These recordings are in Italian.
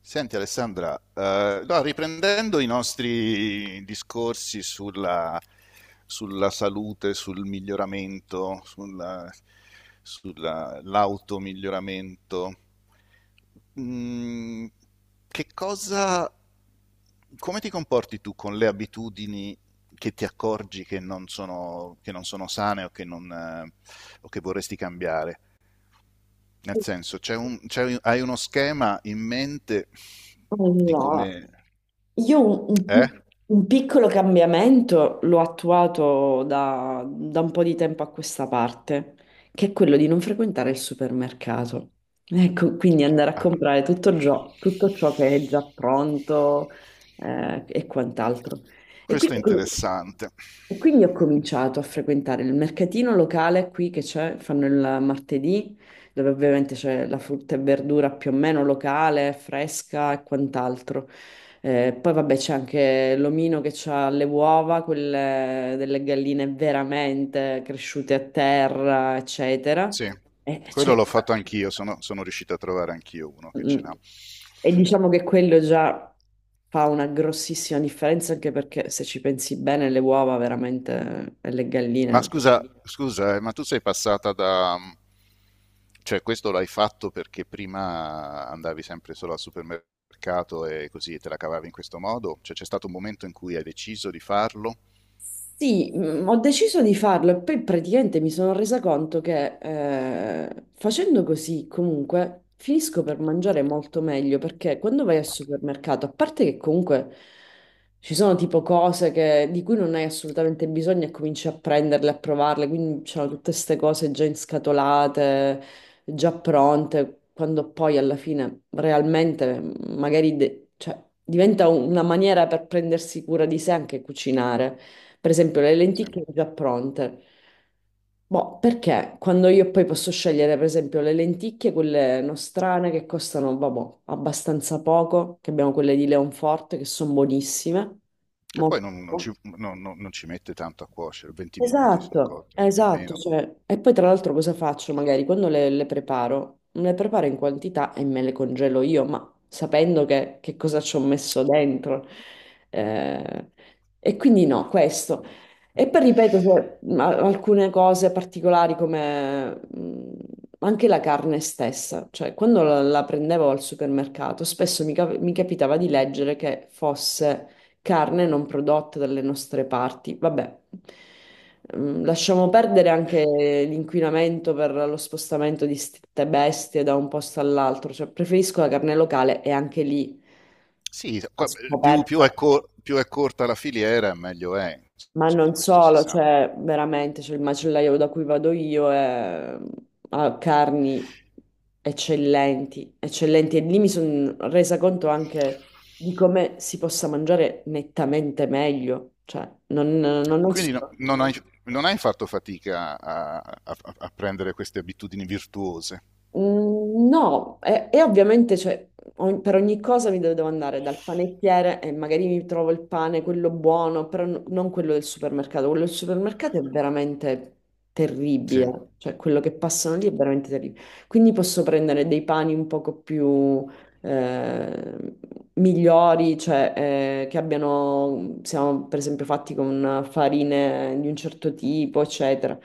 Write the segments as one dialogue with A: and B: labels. A: Senti Alessandra, no, riprendendo i nostri discorsi sulla, sulla salute, sul miglioramento, sull'automiglioramento, mm, che cosa, come ti comporti tu con le abitudini che ti accorgi che non sono sane o che non, o che vorresti cambiare? Nel senso, hai uno schema in mente di
B: Allora,
A: come...
B: io
A: Eh?
B: un piccolo cambiamento l'ho attuato da un po' di tempo a questa parte, che è quello di non frequentare il supermercato. Ecco, quindi andare a
A: Ah,
B: comprare tutto ciò che è già pronto, e quant'altro. E
A: questo è
B: quindi,
A: interessante.
B: e quindi ho cominciato a frequentare il mercatino locale qui che c'è, fanno il martedì, dove ovviamente c'è la frutta e verdura più o meno locale, fresca e quant'altro. Poi vabbè c'è anche l'omino che ha le uova, quelle delle galline veramente cresciute a terra, eccetera.
A: Sì,
B: E,
A: quello
B: cioè,
A: l'ho fatto anch'io, sono riuscito a trovare anch'io uno che ce
B: mm,
A: l'ha.
B: e diciamo che quello già fa una grossissima differenza anche perché se ci pensi bene le uova veramente e le
A: Ma
B: galline.
A: scusa, ma tu sei passata da... Cioè, questo l'hai fatto perché prima andavi sempre solo al supermercato e così te la cavavi in questo modo? Cioè, c'è stato un momento in cui hai deciso di farlo?
B: Sì, ho deciso di farlo e poi praticamente mi sono resa conto che facendo così comunque finisco per mangiare molto meglio, perché quando vai al supermercato, a parte che comunque ci sono tipo cose di cui non hai assolutamente bisogno e cominci a prenderle, a provarle, quindi c'erano tutte queste cose già inscatolate, già pronte, quando poi alla fine realmente magari cioè, diventa una maniera per prendersi cura di sé anche cucinare. Per esempio, le
A: Sì.
B: lenticchie già pronte. Boh, perché quando io poi posso scegliere, per esempio, le lenticchie, quelle nostrane che costano, vabbè, abbastanza poco, che abbiamo quelle di Leonforte che sono buonissime,
A: Che
B: molto.
A: poi
B: Buone.
A: non ci mette tanto a cuocere, 20 minuti sono
B: Esatto,
A: cotte, non
B: esatto,
A: nemmeno.
B: cioè, e poi tra l'altro cosa faccio? Magari quando le preparo in quantità e me le congelo io, ma sapendo che cosa ci ho messo dentro. Eh, e quindi no, questo. E poi ripeto, cioè, alcune cose particolari come anche la carne stessa, cioè quando la prendevo al supermercato, spesso mi capitava di leggere che fosse carne non prodotta dalle nostre parti. Vabbè. Lasciamo perdere anche l'inquinamento per lo spostamento di ste bestie da un posto all'altro, cioè preferisco la carne locale e anche lì
A: Sì,
B: a
A: qua-
B: scoperta.
A: più è corta la filiera, meglio è,
B: Ma
A: insomma,
B: non
A: questo si
B: solo,
A: sa.
B: cioè veramente c'è il macellaio da cui vado io e ha carni eccellenti, eccellenti. E lì mi sono resa conto anche di come si possa mangiare nettamente meglio. Cioè, non è
A: Quindi
B: solo.
A: non hai, non hai fatto fatica a, a prendere queste abitudini virtuose.
B: No, e ovviamente cioè, per ogni cosa mi devo andare dal panettiere e magari mi trovo il pane, quello buono, però non quello del supermercato. Quello del supermercato è veramente
A: Sì,
B: terribile, cioè quello che passano lì è veramente terribile. Quindi posso prendere dei pani un poco più eh, migliori, cioè che abbiano, siamo per esempio fatti con farine di un certo tipo, eccetera.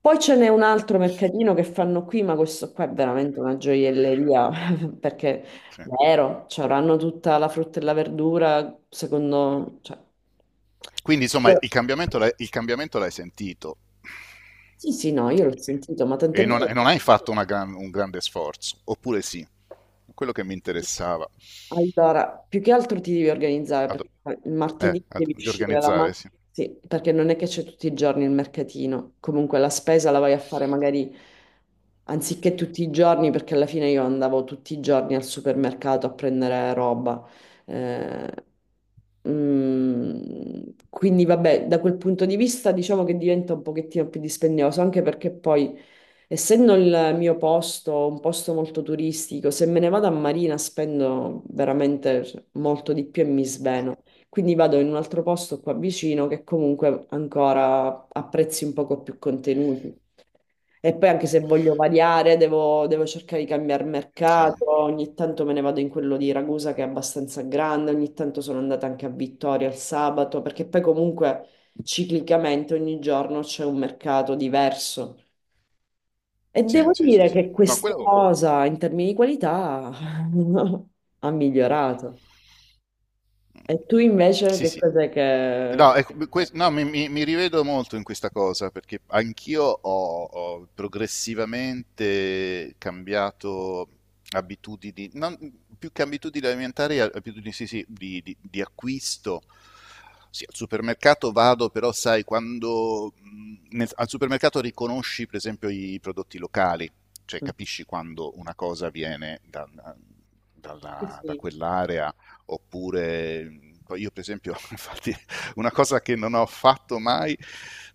B: Poi ce n'è un altro mercatino che fanno qui, ma questo qua è veramente una gioielleria, perché
A: sì.
B: vero, cioè, avranno tutta la frutta e la verdura, secondo, cioè,
A: Quindi, insomma, il cambiamento l'hai sentito
B: sì, sì, no, io l'ho sentito, ma tant'è vero.
A: e non hai fatto un grande sforzo, oppure sì, quello che mi interessava.
B: Allora, più che altro ti devi organizzare,
A: Ad-
B: perché il martedì devi
A: di
B: uscire la
A: organizzare,
B: mattina,
A: sì.
B: sì, perché non è che c'è tutti i giorni il mercatino. Comunque la spesa la vai a fare magari anziché tutti i giorni, perché alla fine io andavo tutti i giorni al supermercato a prendere roba. Eh, quindi vabbè, da quel punto di vista diciamo che diventa un pochettino più dispendioso, anche perché poi essendo il mio posto un posto molto turistico, se me ne vado a Marina spendo veramente molto di più e mi sveno. Quindi vado in un altro posto qua vicino che comunque ancora ha prezzi un poco più contenuti. E poi anche se voglio variare, devo cercare di cambiare
A: Sì,
B: mercato. Ogni tanto me ne vado in quello di Ragusa che è abbastanza grande, ogni tanto sono andata anche a Vittoria il sabato, perché poi comunque ciclicamente ogni giorno c'è un mercato diverso. E
A: sì,
B: devo
A: sì, sì,
B: dire
A: sì.
B: che
A: No,
B: questa
A: quello.
B: cosa in termini di qualità ha migliorato. E tu invece
A: Sì,
B: che
A: sì.
B: cos'è che?
A: No, ecco, no, mi rivedo molto in questa cosa perché anch'io ho progressivamente cambiato abitudini, più che abitudini alimentari, abitudini sì, di acquisto. Sì, al supermercato vado, però sai, quando al supermercato riconosci per esempio i prodotti locali, cioè capisci quando una cosa viene da,
B: Sì,
A: da
B: sì.
A: quell'area oppure io per esempio, infatti, una cosa che non ho fatto mai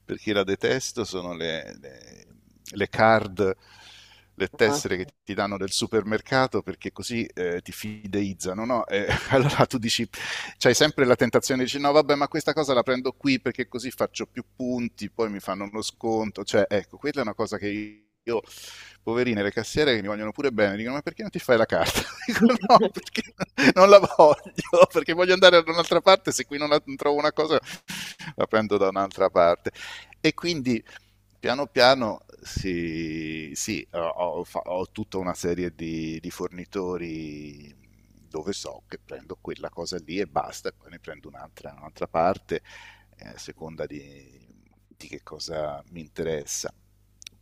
A: perché la detesto sono le card, le
B: Ah,
A: tessere che
B: sì.
A: ti danno del supermercato perché così ti fideizzano, no? E allora tu dici, c'hai sempre la tentazione di dire no, vabbè, ma questa cosa la prendo qui perché così faccio più punti, poi mi fanno uno sconto, cioè ecco, quella è una cosa che io, poverine, le cassiere che mi vogliono pure bene, dicono ma perché non ti fai la carta? Dico no, perché non la voglio, perché voglio andare da un'altra parte, se qui non trovo una cosa la prendo da un'altra parte. E quindi piano piano sì, ho, tutta una serie di, fornitori dove so che prendo quella cosa lì e basta, e poi ne prendo un'altra, un'altra parte a seconda di che cosa mi interessa.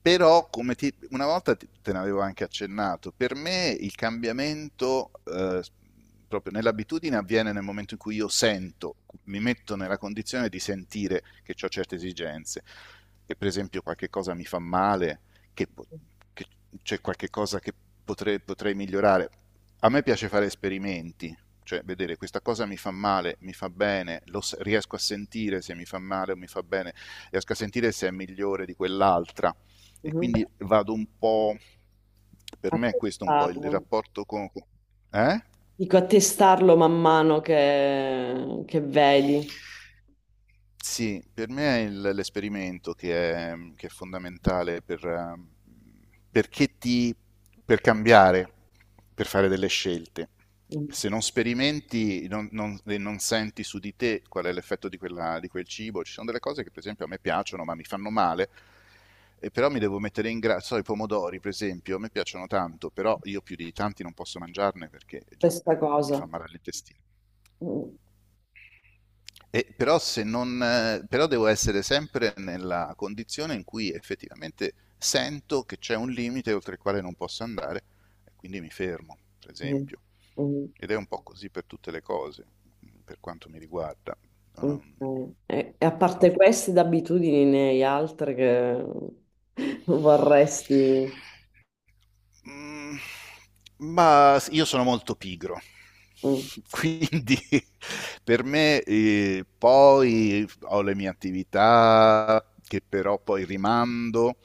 A: Però come ti, una volta te ne avevo anche accennato, per me il cambiamento proprio nell'abitudine avviene nel momento in cui io sento, mi metto nella condizione di sentire che ho certe esigenze, che per esempio qualche cosa mi fa male, che, che c'è qualche cosa che potrei migliorare. A me piace fare esperimenti, cioè vedere questa cosa mi fa male, mi fa bene, riesco a sentire se mi fa male o mi fa bene, riesco a sentire se è migliore di quell'altra e
B: Mhm.
A: quindi vado un po', per
B: A
A: me questo è un po' il
B: testarlo.
A: rapporto con... Eh?
B: Dico, a testarlo man mano che vedi.
A: Sì, per me è l'esperimento che è fondamentale per, perché ti, per cambiare, per fare delle scelte.
B: Mhm.
A: Se non sperimenti e non senti su di te qual è l'effetto di di quel cibo, ci sono delle cose che per esempio a me piacciono ma mi fanno male, e però mi devo mettere in grado, so, i pomodori per esempio, a me piacciono tanto, però io più di tanti non posso mangiarne perché eh,
B: Questa
A: mi fa
B: cosa.
A: male all'intestino.
B: Mhm.
A: E però, se non, però devo essere sempre nella condizione in cui effettivamente sento che c'è un limite oltre il quale non posso andare, e quindi mi fermo, per esempio.
B: Mhm.
A: Ed è un po' così per tutte le cose, per quanto mi riguarda.
B: Mhm.
A: Non-
B: Ok. E a parte
A: non-
B: queste d'abitudini, ne hai altre che vorresti?
A: Mm, ma io sono molto pigro,
B: Mm,
A: quindi per me poi ho le mie attività che però poi rimando,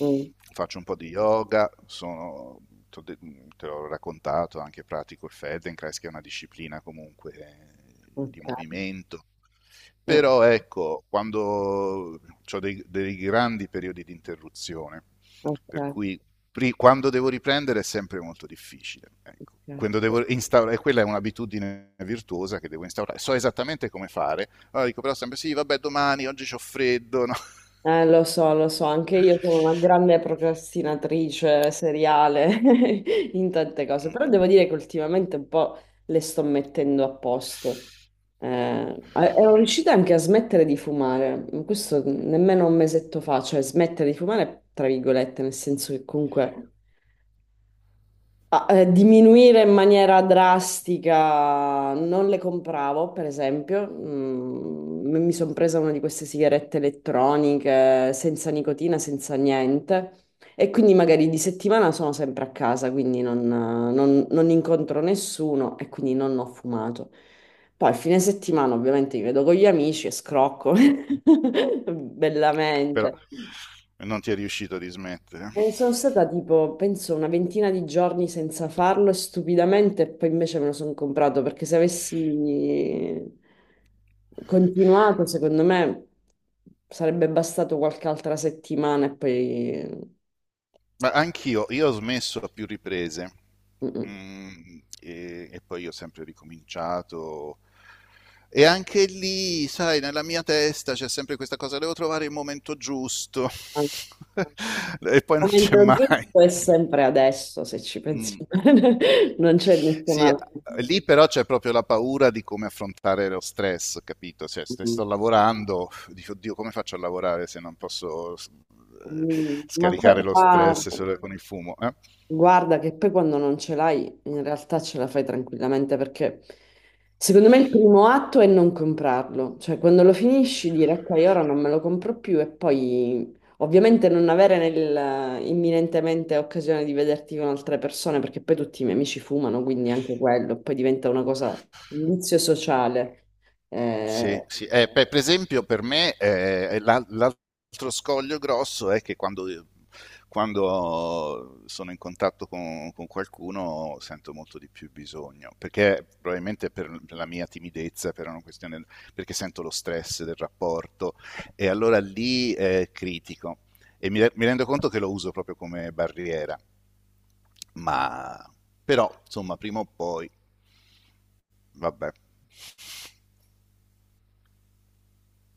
B: mm.
A: faccio un po' di yoga, sono, t'ho de- te l'ho raccontato, anche pratico il Feldenkrais, che è una disciplina comunque
B: Ok,
A: di movimento.
B: eh,
A: Però ecco, quando ho dei grandi periodi di interruzione, per
B: ok,
A: cui quando devo riprendere è sempre molto difficile. Ecco. Quando
B: ok.
A: devo instaurare, quella è un'abitudine virtuosa che devo instaurare. So esattamente come fare, allora dico però sempre sì, vabbè, domani, oggi c'ho freddo, no?
B: Lo so, anche io sono una grande procrastinatrice seriale in tante cose, però devo dire che ultimamente un po' le sto mettendo a posto. Ero riuscita anche a smettere di fumare, questo nemmeno un mesetto fa, cioè smettere di fumare, tra virgolette, nel senso che comunque. Diminuire in maniera drastica, non le compravo, per esempio. Mi sono presa una di queste sigarette elettroniche senza nicotina, senza niente. E quindi magari di settimana sono sempre a casa, quindi non incontro nessuno e quindi non ho fumato. Poi a fine settimana ovviamente mi vedo con gli amici e scrocco
A: Però
B: bellamente.
A: non ti è riuscito di smettere.
B: Sono stata tipo, penso, una ventina di giorni senza farlo, e stupidamente poi invece me lo sono comprato, perché se avessi continuato, secondo me sarebbe bastato qualche altra settimana e poi.
A: Ma anch'io, io ho smesso a più riprese.
B: Mm-mm.
A: E poi ho sempre ricominciato. E anche lì, sai, nella mia testa c'è sempre questa cosa, devo trovare il momento giusto
B: Al
A: e poi non c'è
B: momento
A: mai.
B: giusto è sempre adesso, se ci pensi
A: Mm.
B: bene, non c'è nessun
A: Sì,
B: altro.
A: lì però c'è proprio la paura di come affrontare lo stress, capito? Cioè, se
B: Mm.
A: sto lavorando, dico, oddio, come faccio a lavorare se non posso
B: Ma poi,
A: scaricare lo
B: guarda,
A: stress solo con il fumo? Eh?
B: Guarda che poi quando non ce l'hai, in realtà ce la fai tranquillamente, perché secondo me il primo atto è non comprarlo, cioè quando lo finisci dire ok, ora non me lo compro più, e poi ovviamente non avere nel, imminentemente occasione di vederti con altre persone, perché poi tutti i miei amici fumano, quindi anche quello, poi diventa una cosa, un vizio sociale.
A: Sì,
B: Eh,
A: sì. Per esempio per me l'altro scoglio grosso è che quando, quando sono in contatto con qualcuno sento molto di più bisogno, perché probabilmente per la mia timidezza, per una questione, perché sento lo stress del rapporto e allora lì critico e mi rendo conto che lo uso proprio come barriera, ma però insomma prima o poi, vabbè.